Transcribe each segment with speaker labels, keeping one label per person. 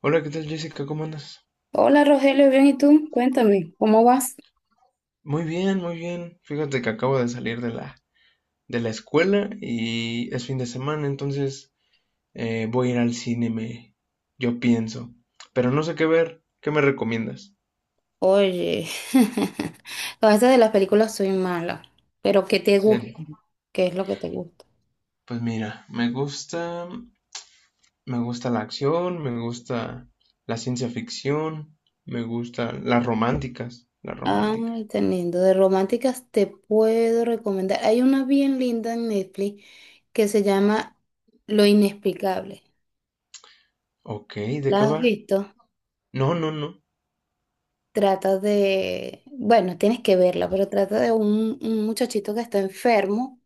Speaker 1: Hola, ¿qué tal Jessica? ¿Cómo andas?
Speaker 2: Hola Rogelio, bien, ¿y tú? Cuéntame, ¿cómo vas?
Speaker 1: Muy bien, muy bien. Fíjate que acabo de salir de la escuela y es fin de semana, entonces voy a ir al cine, me, yo pienso. Pero no sé qué ver. ¿Qué me recomiendas?
Speaker 2: Oye, con esto de las películas soy mala, pero ¿qué te gusta?
Speaker 1: Serio.
Speaker 2: ¿Qué es lo que te gusta?
Speaker 1: Pues mira, me gusta la acción, me gusta la ciencia ficción, me gustan las románticas, las románticas.
Speaker 2: Ay, tan lindo. De románticas te puedo recomendar. Hay una bien linda en Netflix que se llama Lo Inexplicable.
Speaker 1: Ok, ¿de
Speaker 2: ¿La
Speaker 1: qué
Speaker 2: has
Speaker 1: va?
Speaker 2: visto?
Speaker 1: No, no, no.
Speaker 2: Trata de, bueno, tienes que verla, pero trata de un muchachito que está enfermo.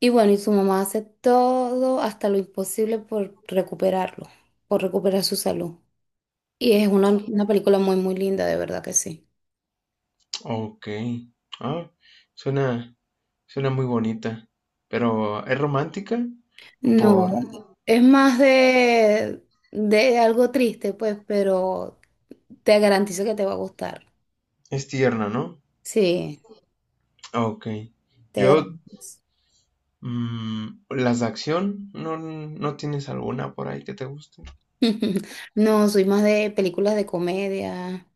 Speaker 2: Y bueno, y su mamá hace todo hasta lo imposible por recuperarlo, por recuperar su salud. Y es una película muy linda, de verdad que sí.
Speaker 1: Okey. Ah, suena suena muy bonita, pero, ¿es romántica?
Speaker 2: No,
Speaker 1: Por
Speaker 2: es más de algo triste, pues, pero te garantizo que te va a gustar.
Speaker 1: es tierna, ¿no?
Speaker 2: Sí,
Speaker 1: Okey.
Speaker 2: te
Speaker 1: Yo,
Speaker 2: garantizo.
Speaker 1: mm, las de acción, no tienes alguna por ahí que te guste?
Speaker 2: No, soy más de películas de comedia.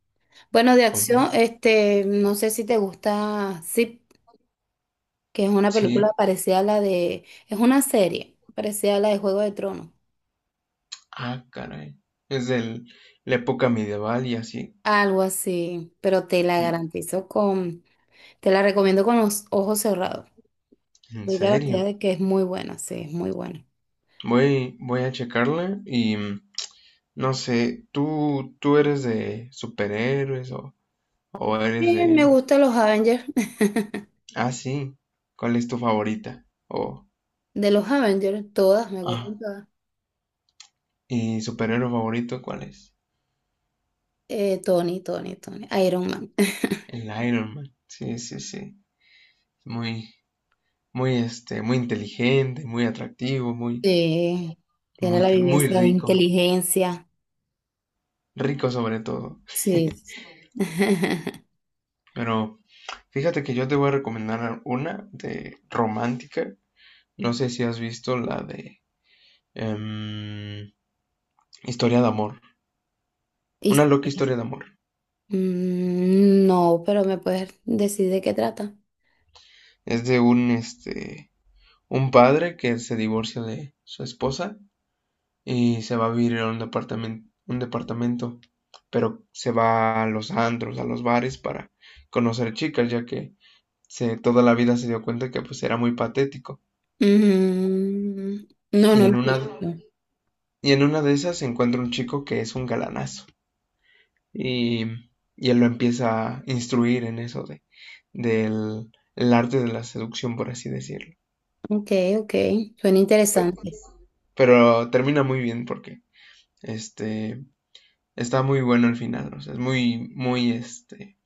Speaker 2: Bueno, de acción,
Speaker 1: ¿Comedia?
Speaker 2: no sé si te gusta, sí. Que es una
Speaker 1: Sí.
Speaker 2: película parecida a la de, es una serie parecida a la de Juego de Tronos,
Speaker 1: Ah, caray. Es del la época medieval y así.
Speaker 2: algo así, pero te la garantizo con, te la recomiendo con los ojos cerrados.
Speaker 1: ¿En
Speaker 2: Doy
Speaker 1: serio?
Speaker 2: garantía de que es muy buena, sí, es muy buena.
Speaker 1: Voy a checarla y, mm, no sé, tú eres de superhéroes o eres
Speaker 2: Bien, me
Speaker 1: de
Speaker 2: gustan los Avengers,
Speaker 1: Ah, sí. ¿Cuál es tu favorita? O,
Speaker 2: de los Avengers, todas, me
Speaker 1: ah,
Speaker 2: gustan todas.
Speaker 1: ¿y superhéroe favorito cuál es?
Speaker 2: Tony, Iron Man.
Speaker 1: El Iron Man. Sí, sí, sí. Muy, muy, este, muy inteligente, muy atractivo, muy,
Speaker 2: Sí, tiene
Speaker 1: muy,
Speaker 2: la
Speaker 1: muy
Speaker 2: vivencia de
Speaker 1: rico.
Speaker 2: inteligencia,
Speaker 1: Rico sobre todo.
Speaker 2: sí.
Speaker 1: Pero fíjate que yo te voy a recomendar una de romántica. No sé si has visto la de em, Historia de amor.
Speaker 2: Y-
Speaker 1: Una loca historia de amor.
Speaker 2: Mm, no, pero me puedes decir de qué trata.
Speaker 1: Es de un, este, un padre que se divorcia de su esposa y se va a vivir a un departamento, pero se va a los antros, a los bares para conocer chicas, ya que se, toda la vida se dio cuenta que pues era muy patético.
Speaker 2: Mm, no,
Speaker 1: Y
Speaker 2: no lo
Speaker 1: en
Speaker 2: he
Speaker 1: una,
Speaker 2: visto.
Speaker 1: y en una de esas se encuentra un chico que es un galanazo y, y él lo empieza a instruir en eso de, del el arte de la seducción, por así decirlo.
Speaker 2: Ok, ok. Suena
Speaker 1: Pero,
Speaker 2: interesante.
Speaker 1: pero termina muy bien porque este está muy bueno el final, o sea, es muy, muy este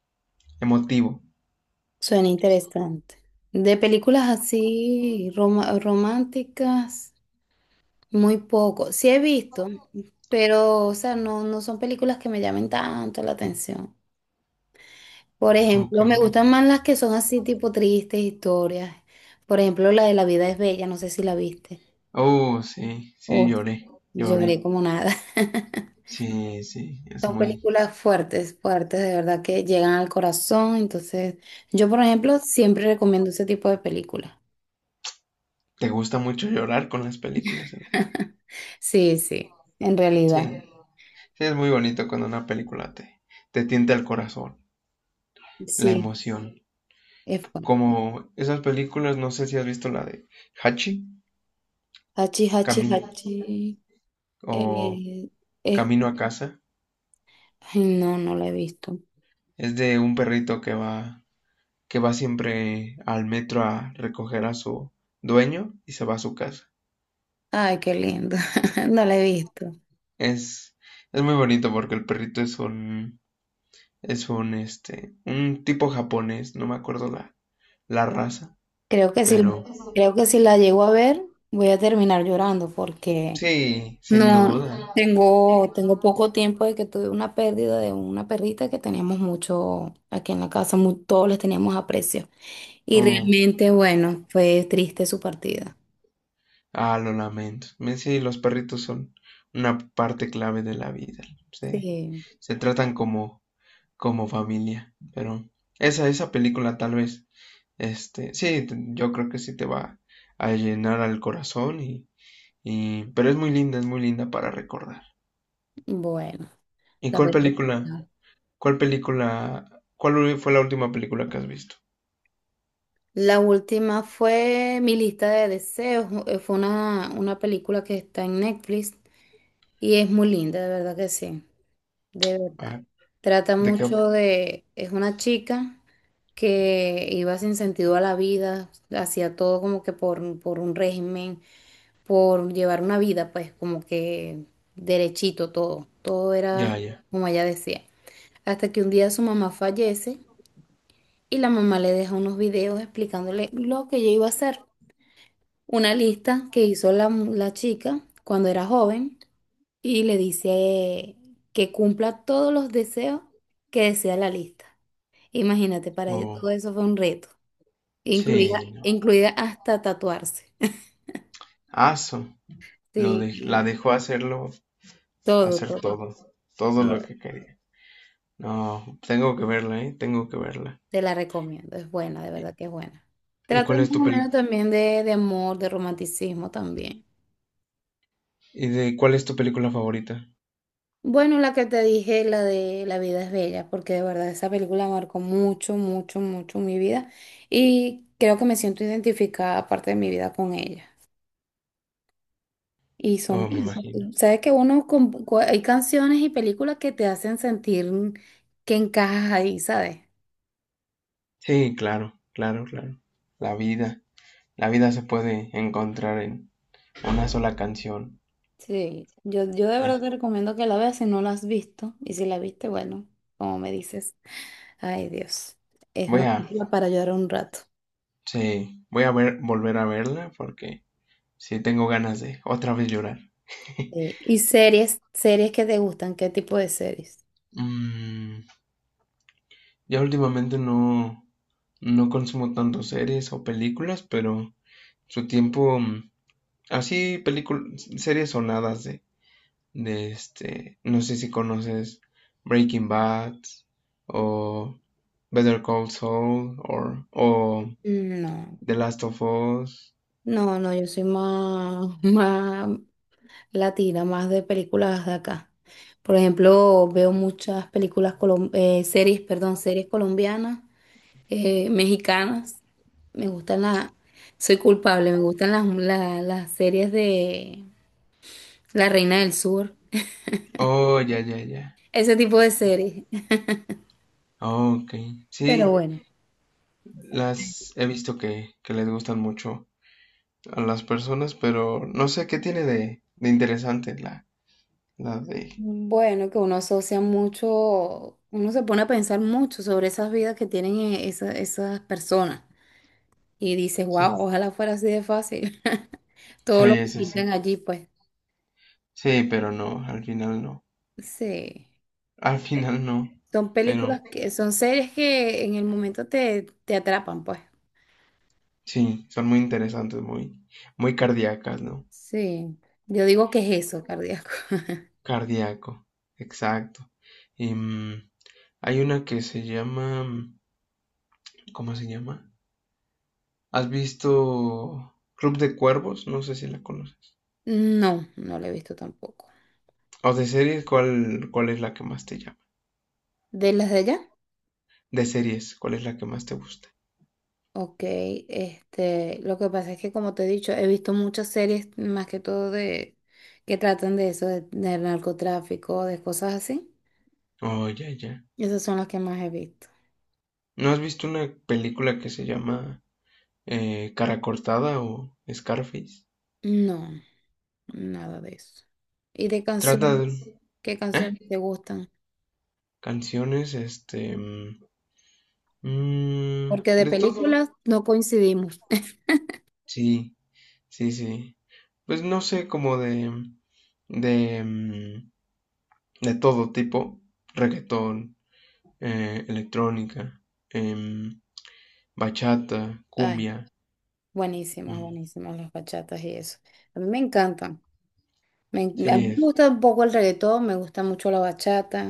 Speaker 1: emotivo.
Speaker 2: Suena interesante. De películas así roma- románticas, muy poco. Sí he visto, pero o sea, no, no son películas que me llamen tanto la atención. Por
Speaker 1: Ok.
Speaker 2: ejemplo, me gustan más las que son así tipo tristes historias. Por ejemplo, la de La vida es bella, no sé si la viste.
Speaker 1: Oh, sí, sí,
Speaker 2: Oh,
Speaker 1: lloré, lloré.
Speaker 2: lloré como nada.
Speaker 1: Sí, sí, es
Speaker 2: Son
Speaker 1: muy...
Speaker 2: películas fuertes, fuertes, de verdad que llegan al corazón. Entonces, yo, por ejemplo, siempre recomiendo ese tipo de películas.
Speaker 1: Te gusta mucho llorar con las películas. Entonces.
Speaker 2: Sí, sí, en
Speaker 1: Sí,
Speaker 2: realidad.
Speaker 1: sí, es muy bonito cuando una película te tienta el corazón, la
Speaker 2: Sí,
Speaker 1: emoción.
Speaker 2: es fuerte.
Speaker 1: Como esas películas, no sé si has visto la de Hachi,
Speaker 2: Hachi, hachi,
Speaker 1: Camino
Speaker 2: hachi.
Speaker 1: o
Speaker 2: eh, es-
Speaker 1: Camino a casa.
Speaker 2: Ay, no, no la he visto.
Speaker 1: Es de un perrito que va siempre al metro a recoger a su dueño y se va a su casa.
Speaker 2: Ay, qué lindo. No la he visto.
Speaker 1: Es, es muy bonito porque el perrito es es un, este, un tipo japonés, no me acuerdo la, la raza,
Speaker 2: Creo que si,
Speaker 1: pero
Speaker 2: Creo que si la llego a ver, voy a terminar llorando porque
Speaker 1: sí, sin
Speaker 2: no,
Speaker 1: duda.
Speaker 2: tengo, tengo poco tiempo de que tuve una pérdida de una perrita que teníamos mucho aquí en la casa, mu- todos les teníamos aprecio. Y
Speaker 1: Oh,
Speaker 2: realmente, bueno, fue triste su partida.
Speaker 1: ah, lo lamento. Me- Sí, los perritos son una parte clave de la vida. Se,
Speaker 2: Sí,
Speaker 1: se tratan como, como familia, pero esa película tal vez, este, sí, te- yo creo que sí te va a llenar al corazón y, pero es muy linda para recordar.
Speaker 2: bueno,
Speaker 1: ¿Y
Speaker 2: la
Speaker 1: cuál
Speaker 2: vez-
Speaker 1: película? ¿Cuál película, cuál fue la última película que has visto?
Speaker 2: La última fue mi lista de deseos. Fue una película que está en Netflix y es muy linda, de verdad que sí. De verdad.
Speaker 1: Ah,
Speaker 2: Trata
Speaker 1: ¿de qué?
Speaker 2: mucho de, es una chica que iba sin sentido a la vida, hacía todo como que por un régimen, por llevar una vida, pues como que derechito todo, todo era
Speaker 1: Ya, ya.
Speaker 2: como ella decía. Hasta que un día su mamá fallece y la mamá le deja unos videos explicándole lo que ella iba a hacer. Una lista que hizo la chica cuando era joven y le dice que cumpla todos los deseos que desea la lista. Imagínate, para ella todo
Speaker 1: Oh,
Speaker 2: eso fue un reto, incluida,
Speaker 1: sí, no.
Speaker 2: incluida hasta tatuarse.
Speaker 1: Aso, lo
Speaker 2: Sí,
Speaker 1: de, la
Speaker 2: y
Speaker 1: dejó hacerlo,
Speaker 2: todo,
Speaker 1: hacer
Speaker 2: todo,
Speaker 1: todo, todo lo
Speaker 2: todo.
Speaker 1: que quería. No, tengo que verla, ¿eh? Tengo que verla.
Speaker 2: Te la recomiendo, es buena, de verdad que es buena.
Speaker 1: ¿Y
Speaker 2: Trata
Speaker 1: cuál
Speaker 2: más
Speaker 1: es tu
Speaker 2: o
Speaker 1: peli-
Speaker 2: menos también de amor, de romanticismo también.
Speaker 1: y de cuál es tu película favorita?
Speaker 2: Bueno, la que te dije, la de La vida es bella, porque de verdad esa película marcó mucho, mucho, mucho mi vida y creo que me siento identificada parte de mi vida con ella. Y son,
Speaker 1: Oh, me
Speaker 2: buenas porque
Speaker 1: imagino.
Speaker 2: sabes que uno, con- cu- hay canciones y películas que te hacen sentir que encajas ahí, ¿sabes?
Speaker 1: Sí, claro, claro, claro. La vida, la vida se puede encontrar en una sola canción.
Speaker 2: Sí, yo de verdad
Speaker 1: Es-
Speaker 2: te recomiendo que la veas si no la has visto. Y si la viste, bueno, como me dices, ay Dios, es
Speaker 1: Voy
Speaker 2: una
Speaker 1: a,
Speaker 2: película para llorar un rato.
Speaker 1: sí, volver a verla porque sí, tengo ganas de otra vez llorar.
Speaker 2: Sí. ¿Y series, series que te gustan? ¿Qué tipo de series?
Speaker 1: Mm, ya últimamente no, no consumo tanto series o películas, pero su tiempo, mm, así películas, series sonadas de este, no sé si conoces Breaking Bad o Better Call Saul o
Speaker 2: No,
Speaker 1: The Last of Us.
Speaker 2: no, no, yo soy más, latina, más de películas de acá. Por ejemplo, veo muchas películas, colom- series, perdón, series colombianas, mexicanas. Me gustan las, soy culpable, me gustan las, la- las series de La Reina del Sur,
Speaker 1: Oh, ya, ya, ya.
Speaker 2: ese tipo de series.
Speaker 1: Oh, ok.
Speaker 2: Pero
Speaker 1: Sí,
Speaker 2: bueno,
Speaker 1: las he visto que les gustan mucho a las personas, pero no sé qué tiene de interesante la, la de...
Speaker 2: bueno, que uno asocia mucho, uno se pone a pensar mucho sobre esas vidas que tienen esa- esas personas y dice,
Speaker 1: Sí,
Speaker 2: wow, ojalá fuera así de fácil. Todo lo
Speaker 1: sí,
Speaker 2: que
Speaker 1: sí,
Speaker 2: pintan
Speaker 1: sí.
Speaker 2: allí, pues.
Speaker 1: Sí, pero no, al final no.
Speaker 2: Sí,
Speaker 1: Al final no,
Speaker 2: son
Speaker 1: pero
Speaker 2: películas que son series que en el momento te, te atrapan, pues.
Speaker 1: sí, son muy interesantes, muy, muy cardíacas, ¿no?
Speaker 2: Sí, yo digo que es eso, cardíaco.
Speaker 1: Cardíaco, exacto. Y, mm, hay una que se llama, mm, ¿cómo se llama? ¿Has visto Club de Cuervos? No sé si la conoces.
Speaker 2: No, no lo he visto tampoco.
Speaker 1: O de series, cuál es la que más te llama?
Speaker 2: ¿De las de allá?
Speaker 1: De series, ¿cuál es la que más te gusta?
Speaker 2: Ok, lo que pasa es que como te he dicho, he visto muchas series más que todo de que tratan de eso, de, del narcotráfico, de cosas así.
Speaker 1: Oh, ya, ya.
Speaker 2: Esas son las que más he visto.
Speaker 1: ¿No has visto una película que se llama Cara Cortada o Scarface?
Speaker 2: No, nada de eso. ¿Y de
Speaker 1: Trata
Speaker 2: canciones?
Speaker 1: de...
Speaker 2: ¿Qué
Speaker 1: ¿eh?
Speaker 2: canciones te gustan?
Speaker 1: Canciones, este... mm, mm,
Speaker 2: Porque de
Speaker 1: de todo.
Speaker 2: películas no coincidimos.
Speaker 1: Sí, sí, sí. Pues no sé, como de... De, mm, de todo tipo. Reggaetón, electrónica, em, bachata,
Speaker 2: Ay,
Speaker 1: cumbia.
Speaker 2: buenísimas,
Speaker 1: Mm,
Speaker 2: buenísimas las bachatas y eso. A mí me encantan. Me, a
Speaker 1: sí.
Speaker 2: mí me
Speaker 1: Es-
Speaker 2: gusta un poco el reggaetón, me gusta mucho la bachata.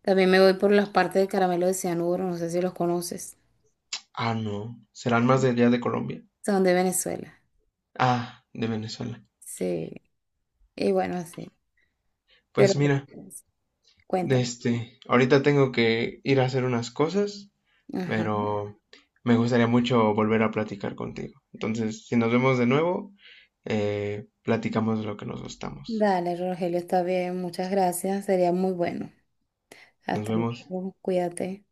Speaker 2: También me voy por las partes de Caramelo de Cianuro, no sé si los conoces.
Speaker 1: Ah, no. ¿Serán más de allá de Colombia?
Speaker 2: Son de Venezuela.
Speaker 1: Ah, de Venezuela.
Speaker 2: Sí. Y bueno, así. Pero
Speaker 1: Pues mira. De
Speaker 2: cuéntame.
Speaker 1: Este, ahorita tengo que ir a hacer unas cosas,
Speaker 2: Ajá.
Speaker 1: pero me gustaría mucho volver a platicar contigo. Entonces, si nos vemos de nuevo, platicamos de lo que nos gustamos.
Speaker 2: Dale, Rogelio, está bien. Muchas gracias. Sería muy bueno.
Speaker 1: Nos
Speaker 2: Hasta
Speaker 1: vemos.
Speaker 2: luego. Cuídate.